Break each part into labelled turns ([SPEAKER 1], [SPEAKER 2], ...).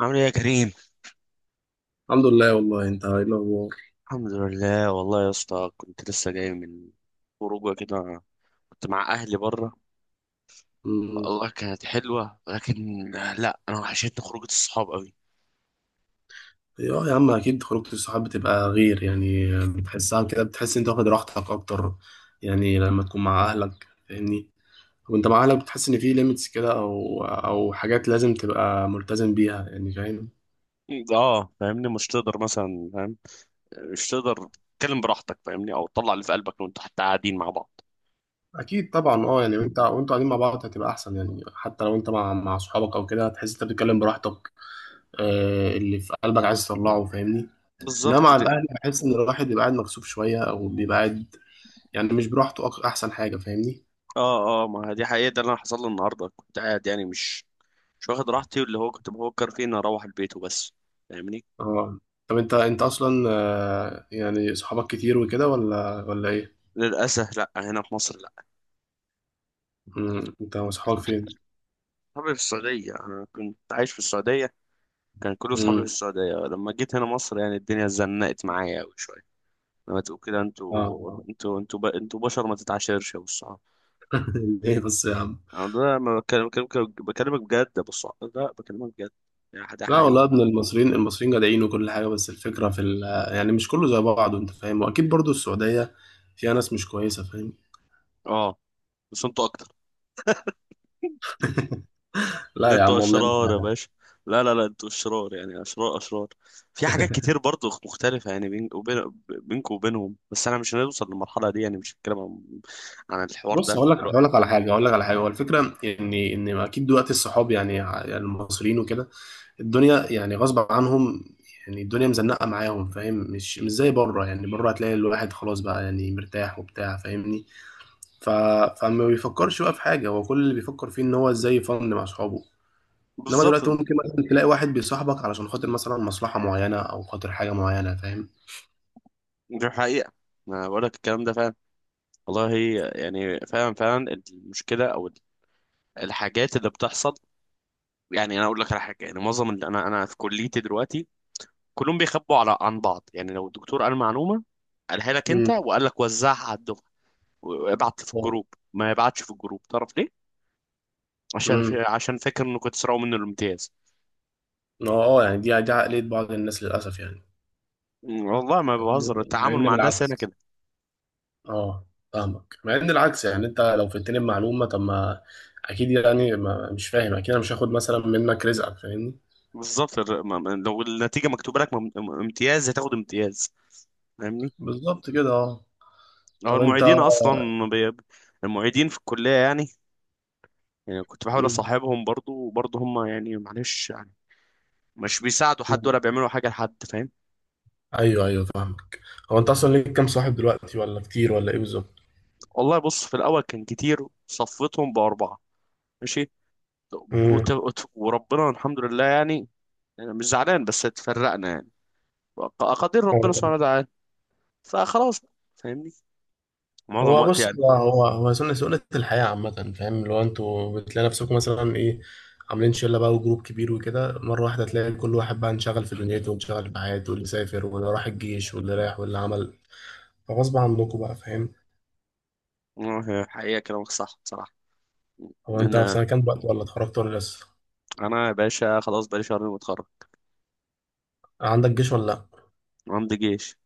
[SPEAKER 1] عامل ايه يا كريم؟
[SPEAKER 2] الحمد لله والله، انت ايه الاخبار؟
[SPEAKER 1] الحمد لله والله يا اسطى، كنت لسه جاي من خروجه كده. كنت مع اهلي بره.
[SPEAKER 2] أمم،
[SPEAKER 1] والله كانت حلوه لكن لا، انا وحشتني خروجه الصحاب قوي.
[SPEAKER 2] اه يا عم، اكيد خروجة الصحاب بتبقى غير، يعني بتحسها كده، بتحس انت واخد راحتك اكتر. يعني لما تكون مع اهلك، فاهمني. وانت مع اهلك بتحس ان في ليميتس كده، او حاجات لازم تبقى ملتزم بيها، يعني فاهم؟
[SPEAKER 1] اه فاهمني، مش تقدر مثلا، فاهم، مش تقدر تتكلم براحتك، فاهمني، او تطلع اللي في قلبك وانتوا حتى قاعدين مع بعض.
[SPEAKER 2] اكيد طبعا. اه، يعني وانتوا قاعدين مع بعض هتبقى احسن، يعني حتى لو انت مع صحابك او كده هتحس انت بتتكلم براحتك. آه، اللي في قلبك عايز تطلعه، فاهمني. انما
[SPEAKER 1] بالظبط
[SPEAKER 2] مع
[SPEAKER 1] دي.
[SPEAKER 2] الاهل بحس ان الواحد بيبقى قاعد مكسوف شويه، او بيبقى قاعد يعني مش براحته. احسن حاجة، فاهمني.
[SPEAKER 1] اه اه، ما دي حقيقه. ده اللي أنا حصل لي النهارده، كنت قاعد يعني مش واخد راحتي، واللي هو كنت بفكر فيه اني اروح البيت وبس. فاهمني.
[SPEAKER 2] اه. طب انت اصلا، آه، يعني صحابك كتير وكده، ولا ايه؟
[SPEAKER 1] للاسف لا، هنا في مصر لا.
[SPEAKER 2] مم. انت وصحابك فين؟
[SPEAKER 1] صحابي في السعودية، أنا كنت عايش في السعودية. كان كل صحابي في
[SPEAKER 2] مم.
[SPEAKER 1] السعودية، لما جيت هنا مصر يعني الدنيا زنقت معايا أوي شوية. لما تقول كده، انتوا
[SPEAKER 2] اه.
[SPEAKER 1] انتوا انتوا ب... انتوا بشر، ما تتعاشرش يا أبو الصحاب.
[SPEAKER 2] ليه بس يا عم؟
[SPEAKER 1] أنا ده ما بكلم- بكلم- بكلمك بجد يا أبو الصحاب، لا، بكلمك بجد. يعني ده
[SPEAKER 2] لا والله
[SPEAKER 1] حقيقة.
[SPEAKER 2] يا ابن المصريين، المصريين جدعين وكل حاجة، بس الفكرة في ال... يعني مش كله زي بعضه، انت فاهم، واكيد برضو السعودية فيها ناس مش كويسة، فاهم؟
[SPEAKER 1] أه، بس انتوا أكتر.
[SPEAKER 2] لا
[SPEAKER 1] لا،
[SPEAKER 2] يا
[SPEAKER 1] انتوا
[SPEAKER 2] عم والله أنا
[SPEAKER 1] أشرار يا
[SPEAKER 2] فاهم.
[SPEAKER 1] باشا. لا لا لا، انتوا أشرار، يعني أشرار أشرار. في حاجات كتير برضو مختلفة، يعني بينكم وبينهم، بس أنا مش هنوصل للمرحلة دي، يعني مش هتكلم عن الحوار
[SPEAKER 2] بص،
[SPEAKER 1] ده دلوقتي.
[SPEAKER 2] هقول لك على حاجة. هو الفكرة ان اكيد دلوقتي الصحاب، يعني يعني المصريين وكده، الدنيا يعني غصب عنهم، يعني الدنيا مزنقة معاهم، فاهم؟ مش زي بره، يعني بره هتلاقي الواحد خلاص بقى، يعني مرتاح وبتاع، فاهمني. ف... فما بيفكرش بقى في حاجة، هو كل اللي بيفكر فيه ان هو ازاي يفند مع صحابه. انما
[SPEAKER 1] بالظبط.
[SPEAKER 2] دلوقتي ممكن مثلا تلاقي واحد بيصاحبك علشان خاطر مثلا مصلحة معينة او خاطر حاجة معينة، فاهم؟
[SPEAKER 1] دي حقيقة. أنا بقول لك الكلام ده فعلا، والله. يعني فعلا فعلا، المشكلة أو الحاجات اللي بتحصل. يعني أنا أقول لك على حاجة، يعني معظم اللي أنا في كليتي دلوقتي كلهم بيخبوا على عن بعض، يعني لو الدكتور قال معلومة، قالها لك أنت
[SPEAKER 2] امم
[SPEAKER 1] وقال لك وزعها على الدفعة وابعت في الجروب، ما يبعتش في الجروب. تعرف ليه؟ عشان في
[SPEAKER 2] امم
[SPEAKER 1] عشان فاكر إنه كنت سرقوا منه الامتياز.
[SPEAKER 2] اه. آه، يعني دي عقلية بعض الناس للأسف يعني.
[SPEAKER 1] والله ما
[SPEAKER 2] مع
[SPEAKER 1] بهزر،
[SPEAKER 2] ان مع
[SPEAKER 1] التعامل
[SPEAKER 2] إن
[SPEAKER 1] مع الناس هنا
[SPEAKER 2] بالعكس.
[SPEAKER 1] كده.
[SPEAKER 2] اه، فاهمك. مع ان العكس، يعني انت لو فدتني بمعلومه، طب ما اكيد يعني، ما مش فاهم، اكيد انا مش هاخد مثلا منك رزقك، فاهمني.
[SPEAKER 1] بالظبط، لو النتيجة مكتوبة لك، امتياز هتاخد امتياز، فاهمني.
[SPEAKER 2] بالظبط كده. اه،
[SPEAKER 1] هو
[SPEAKER 2] طب انت...
[SPEAKER 1] المعيدين اصلا، بي... المعيدين في الكليه يعني، يعني كنت بحاول
[SPEAKER 2] مم.
[SPEAKER 1] اصاحبهم برضو، وبرضو هم يعني معلش، يعني مش بيساعدوا حد
[SPEAKER 2] مم.
[SPEAKER 1] ولا بيعملوا حاجه لحد، فاهم.
[SPEAKER 2] ايوه، ايوه، فاهمك. هو انت اصلا ليك كام صاحب دلوقتي، ولا كتير، ولا ايه بالظبط؟
[SPEAKER 1] والله بص، في الاول كان كتير، صفيتهم باربعه. ماشي.
[SPEAKER 2] مم.
[SPEAKER 1] وربنا الحمد لله. يعني أنا مش زعلان بس اتفرقنا، يعني اقادير ربنا سبحانه وتعالى، فخلاص بقى، فاهمني، معظم
[SPEAKER 2] هو
[SPEAKER 1] وقت
[SPEAKER 2] بص،
[SPEAKER 1] يعني.
[SPEAKER 2] هو سنة الحياة عامة، فاهم؟ اللي هو انتوا بتلاقي نفسكم مثلا ايه، عاملين شلة بقى وجروب كبير وكده، مرة واحدة تلاقي كل واحد بقى انشغل في دنيته وانشغل في حياته، واللي سافر واللي راح الجيش واللي راح واللي عمل، فغصب عنكم بقى، فاهم؟
[SPEAKER 1] آه، حقيقه كلامك صح بصراحه.
[SPEAKER 2] هو انت في
[SPEAKER 1] لان
[SPEAKER 2] سنه كام دلوقتي، ولا اتخرجت ولا لسه؟
[SPEAKER 1] انا يا باشا، خلاص بقالي شهرين متخرج،
[SPEAKER 2] عندك جيش ولا لا؟
[SPEAKER 1] وعندي جيش.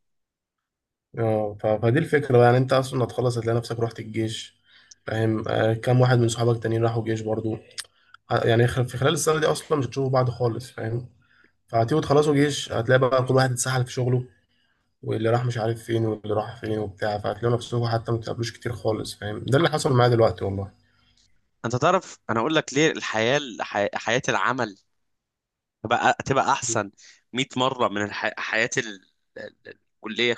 [SPEAKER 2] اه، فدي الفكره بقى، يعني انت اصلا هتخلص هتلاقي نفسك رحت الجيش، فاهم؟ آه، كام واحد من صحابك التانيين راحوا جيش برضو؟ يعني في خلال السنه دي اصلا مش هتشوفوا بعض خالص، فاهم؟ فهتيجوا تخلصوا جيش، هتلاقي بقى كل واحد اتسحل في شغله، واللي راح مش عارف فين، واللي راح فين وبتاع، فهتلاقوا نفسكم حتى ما بتقابلوش كتير خالص، فاهم؟ ده اللي حصل معايا دلوقتي والله.
[SPEAKER 1] انت تعرف انا اقول لك ليه؟ الحياه، حياه العمل تبقى احسن 100 مره من حياه الكليه،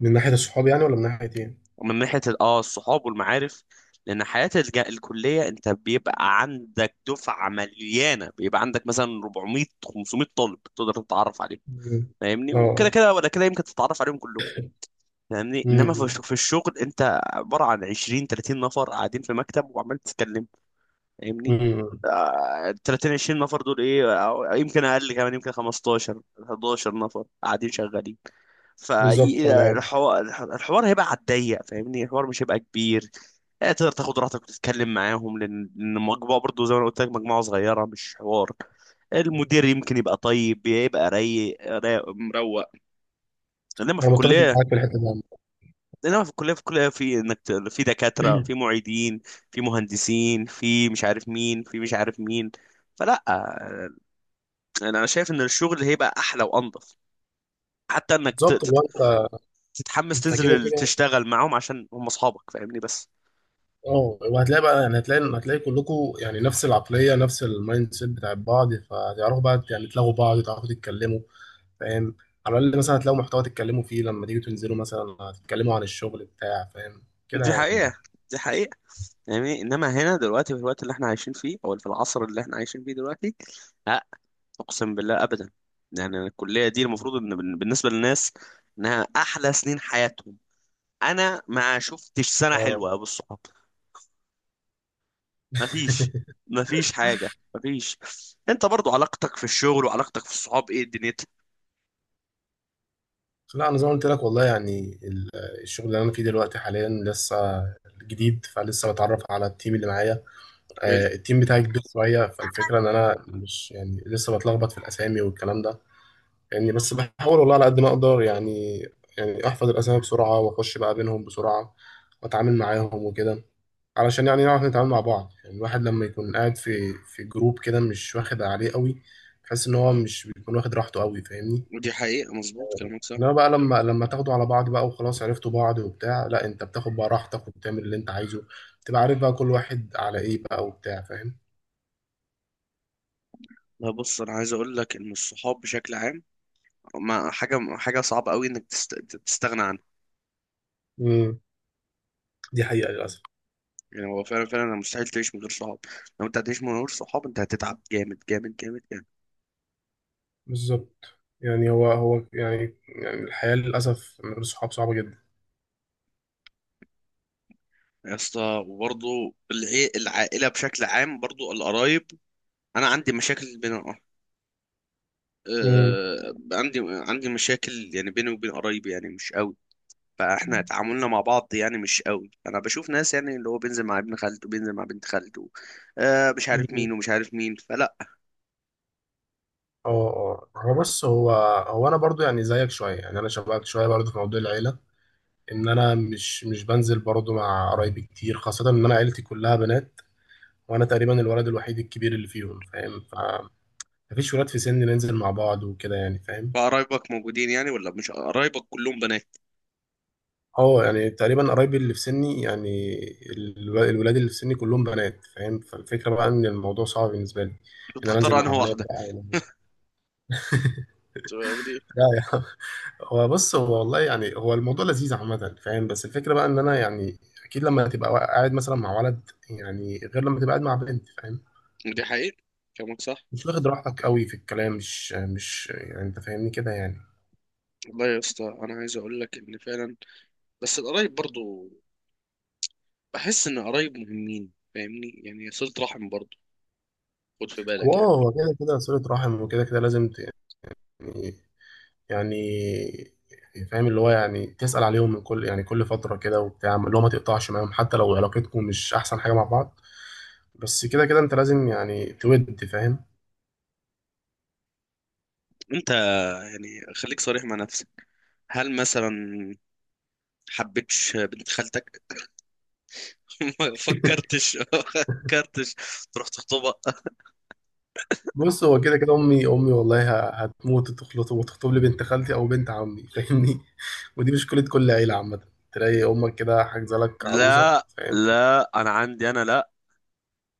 [SPEAKER 2] من ناحيه الصحاب يعني، ولا من ناحيه ايه؟
[SPEAKER 1] ومن ناحيه الصحاب والمعارف، لان حياه الكليه انت بيبقى عندك دفعه مليانه، بيبقى عندك مثلا 400 500 طالب تقدر تتعرف عليهم،
[SPEAKER 2] مم.
[SPEAKER 1] فاهمني، وكده
[SPEAKER 2] اه.
[SPEAKER 1] كده ولا كده يمكن تتعرف عليهم كلهم. فاهمني، انما
[SPEAKER 2] مم.
[SPEAKER 1] في الشغل انت عباره عن 20 30 نفر قاعدين في مكتب وعمال تتكلم، فاهمني.
[SPEAKER 2] مم.
[SPEAKER 1] ال 30 20 نفر دول ايه، أو يمكن اقل كمان، يمكن 15 11 نفر قاعدين شغالين.
[SPEAKER 2] بالظبط انا
[SPEAKER 1] فالحوار، الحوار هيبقى على الضيق، فاهمني، الحوار مش هيبقى كبير. آه، تقدر تاخد راحتك وتتكلم معاهم، لأن المجموعه برضو زي ما أنا قلت لك مجموعه صغيره، مش حوار. المدير يمكن يبقى طيب، يبقى رايق، مروق. انما في
[SPEAKER 2] انا متفق
[SPEAKER 1] الكليه،
[SPEAKER 2] معاك في الحته دي.
[SPEAKER 1] في الكليه، في انك في دكاتره، في معيدين، في مهندسين، في مش عارف مين، في مش عارف مين. فلا، يعني انا شايف ان الشغل هيبقى احلى وانضف، حتى انك
[SPEAKER 2] بالظبط. هو انت...
[SPEAKER 1] تتحمس
[SPEAKER 2] انت كده
[SPEAKER 1] تنزل
[SPEAKER 2] كده.
[SPEAKER 1] تشتغل معاهم عشان هم اصحابك، فاهمني بس.
[SPEAKER 2] اه، وهتلاقي بقى، يعني هتلاقي كلكم يعني نفس العقليه، نفس المايند سيت بتاع بعض، فتعرفوا بقى، يعني تلاقوا بعض، تعرفوا، تتكلموا، فاهم؟ على الاقل مثلا هتلاقوا محتوى تتكلموا فيه لما تيجوا تنزلوا مثلا، هتتكلموا عن الشغل بتاع، فاهم؟ كده
[SPEAKER 1] دي حقيقة،
[SPEAKER 2] يعني.
[SPEAKER 1] دي حقيقة. يعني انما هنا دلوقتي في الوقت اللي احنا عايشين فيه، او في العصر اللي احنا عايشين فيه دلوقتي، لا، اقسم بالله ابدا. يعني أنا الكلية دي المفروض ان بالنسبة للناس انها احلى سنين حياتهم. انا ما شفتش سنة
[SPEAKER 2] اه.
[SPEAKER 1] حلوة بالصحاب، ما فيش، ما فيش حاجة، ما فيش. انت برضو علاقتك في الشغل وعلاقتك في الصحاب ايه دنيتك؟
[SPEAKER 2] لا انا زي ما قلت لك والله، يعني الشغل اللي انا فيه دلوقتي حاليا لسه جديد، فلسه بتعرف على التيم اللي معايا.
[SPEAKER 1] حلو.
[SPEAKER 2] آه، التيم بتاعي كبير شويه، فالفكره ان انا مش يعني لسه بتلخبط في الاسامي والكلام ده. يعني بس بحاول والله على قد ما اقدر يعني احفظ الاسامي بسرعه واخش بقى بينهم بسرعه، واتعامل معاهم وكده، علشان يعني نعرف نتعامل مع بعض. يعني الواحد لما يكون قاعد في جروب كده مش واخد عليه قوي، تحس ان هو مش بيكون واخد راحته قوي، فاهمني.
[SPEAKER 1] ودي حقيقة، مظبوط كلامك صح.
[SPEAKER 2] انما بقى لما تاخدوا على بعض بقى وخلاص عرفتوا بعض وبتاع، لا انت بتاخد بقى راحتك وبتعمل اللي انت عايزه، تبقى عارف بقى كل واحد على ايه بقى وبتاع.
[SPEAKER 1] لا بص، أنا عايز أقول لك إن الصحاب بشكل عام، ما حاجة صعبة أوي إنك تستغنى عنها.
[SPEAKER 2] فاهم؟ دي حقيقة للأسف.
[SPEAKER 1] يعني هو فعلا فعلا مستحيل تعيش من غير صحاب، لو أنت هتعيش من غير صحاب أنت هتتعب جامد جامد جامد جامد.
[SPEAKER 2] بالظبط، يعني هو يعني الحياة للأسف من غير صحاب صعبة جدا.
[SPEAKER 1] يا اسطى، وبرضه العائلة بشكل عام، برضه القرايب. أنا عندي مشاكل بين،
[SPEAKER 2] امم
[SPEAKER 1] عندي مشاكل، يعني بيني وبين قرايبي يعني مش قوي. فاحنا تعاملنا مع بعض يعني مش قوي. انا بشوف ناس يعني اللي هو بينزل مع ابن خالته، بينزل مع بنت خالته، آه مش عارف مين
[SPEAKER 2] مم.
[SPEAKER 1] ومش عارف مين، فلا.
[SPEAKER 2] اه، اه. هو بص، هو هو أنا برضو يعني زيك شوية، يعني أنا شبهك شوية برضو في موضوع العيلة، إن أنا مش بنزل برضو مع قرايبي كتير، خاصة إن أنا عيلتي كلها بنات، وأنا تقريبا الولد الوحيد الكبير اللي فيهم، فاهم؟ فمفيش ولاد في سني ننزل مع بعض وكده يعني، فاهم؟
[SPEAKER 1] قرايبك موجودين يعني، ولا مش قرايبك كلهم بنات؟
[SPEAKER 2] اه، يعني تقريبا قرايبي اللي في سني يعني الولاد اللي في سني كلهم بنات، فاهم؟ فالفكرة بقى ان الموضوع صعب بالنسبة لي، ان انا
[SPEAKER 1] بتختار
[SPEAKER 2] انزل مع
[SPEAKER 1] انهي
[SPEAKER 2] بنات
[SPEAKER 1] واحده؟
[SPEAKER 2] بقى و-...
[SPEAKER 1] طب دي،
[SPEAKER 2] لا يا عم. هو بص، هو والله يعني هو الموضوع لذيذ عامة، فاهم؟ بس الفكرة بقى ان انا يعني، اكيد لما تبقى قاعد مثلا مع ولد يعني غير لما تبقى قاعد مع بنت، فاهم؟
[SPEAKER 1] دي حقيقة كلامك صح.
[SPEAKER 2] مش واخد راحتك قوي في الكلام، مش يعني انت فاهمني كده يعني.
[SPEAKER 1] والله يا اسطى، انا عايز اقول لك ان فعلا بس القرايب برضو، بحس ان القرايب مهمين، فاهمني، يعني صلة رحم برضو، خد في
[SPEAKER 2] هو،
[SPEAKER 1] بالك يعني.
[SPEAKER 2] اه، هو كده كده صلة رحم، وكده كده لازم يعني يعني يعني فاهم، اللي هو يعني تسأل عليهم من كل يعني كل فترة كده وبتاع، اللي هو ما تقطعش معاهم حتى لو علاقتكم مش أحسن حاجة مع بعض، بس كده كده أنت لازم يعني تود، فاهم؟
[SPEAKER 1] انت، يعني خليك صريح مع نفسك، هل مثلا حبيتش بنت خالتك؟ ما فكرتش ما فكرتش تروح تخطبها.
[SPEAKER 2] بص، هو كده كده أمي والله هتموت وتخلط وتخطب لي بنت خالتي أو بنت عمي، فاهمني. ودي مشكلة كل عيلة عامة، تلاقي أمك كده حاجزة لك عروسة،
[SPEAKER 1] لا
[SPEAKER 2] فاهم؟
[SPEAKER 1] لا، انا عندي، انا لا،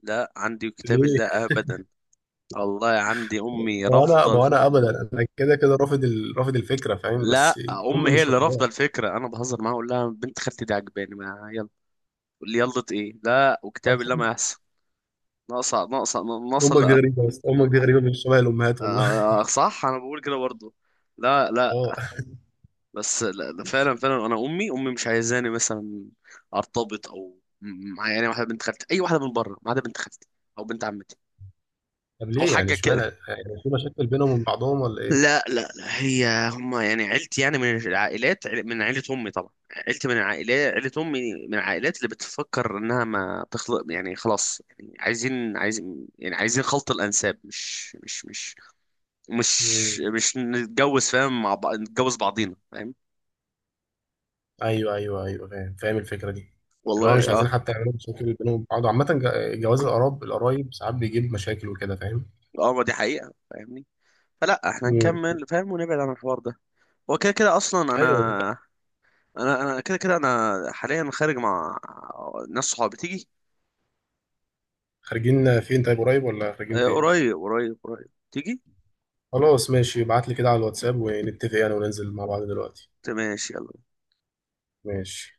[SPEAKER 1] لا عندي كتاب
[SPEAKER 2] ليه؟
[SPEAKER 1] الله ابدا. والله عندي امي رافضه
[SPEAKER 2] ما هو أنا أبدا، أنا كده كده رافض الفكرة، فاهم؟ بس
[SPEAKER 1] لا، امي
[SPEAKER 2] أمي
[SPEAKER 1] هي
[SPEAKER 2] مش
[SPEAKER 1] اللي
[SPEAKER 2] رافضاها
[SPEAKER 1] رافضه الفكره. انا بهزر معاها اقول لها بنت خالتي دي عجباني، ما يلا، تقول لي يلا ايه؟ لا وكتاب الله
[SPEAKER 2] أصلاً.
[SPEAKER 1] ما يحصل. ناقصه، ناقصه، ناقصه
[SPEAKER 2] أمك دي
[SPEAKER 1] لا.
[SPEAKER 2] غريبة، بس أمك دي غريبة مش شبه الأمهات والله.
[SPEAKER 1] آه صح، انا بقول كده برضه. لا لا،
[SPEAKER 2] اه.
[SPEAKER 1] بس لا لا، فعلا فعلا انا امي مش عايزاني مثلا ارتبط او مع يعني واحده بنت خالتي، اي واحده من بره ما عدا بنت خالتي، او بنت عمتي،
[SPEAKER 2] طب
[SPEAKER 1] او
[SPEAKER 2] ليه يعني؟
[SPEAKER 1] حاجه
[SPEAKER 2] اشمعنى
[SPEAKER 1] كده.
[SPEAKER 2] يعني، في مشاكل بينهم وبين بعضهم ولا ايه؟
[SPEAKER 1] لا لا لا، هي هما يعني عيلتي يعني من العائلات، من عيلة أمي طبعا. عيلتي من العائلات، عيلة أمي من العائلات اللي بتفكر إنها ما تخلق، يعني خلاص يعني عايزين، يعني عايزين خلط الأنساب، مش مش مش مش
[SPEAKER 2] مم.
[SPEAKER 1] مش نتجوز، فاهم، مع بعض نتجوز بعضينا، فاهم.
[SPEAKER 2] ايوه، ايوه، ايوه، فاهم، فاهم الفكره دي. اللي هو مش
[SPEAKER 1] والله اه،
[SPEAKER 2] عايزين حتى يعملوا مشاكل بينهم وبين بعض عامه، جواز القرايب ساعات بيجيب مشاكل وكده، فاهم؟
[SPEAKER 1] اه ما دي حقيقة، فاهمني، فلا احنا
[SPEAKER 2] مم.
[SPEAKER 1] نكمل، فاهم، ونبعد عن الحوار ده. هو كده كده اصلا انا،
[SPEAKER 2] ايوه.
[SPEAKER 1] انا كده كده، انا حاليا خارج مع ناس صحابي تيجي.
[SPEAKER 2] خارجين فين طيب، قريب ولا خارجين
[SPEAKER 1] آه،
[SPEAKER 2] فين؟
[SPEAKER 1] قريب قريب قريب تيجي.
[SPEAKER 2] خلاص ماشي، ابعت لي كده على الواتساب ونتفق يعني وننزل مع بعض دلوقتي.
[SPEAKER 1] تمام، ماشي يلا.
[SPEAKER 2] ماشي.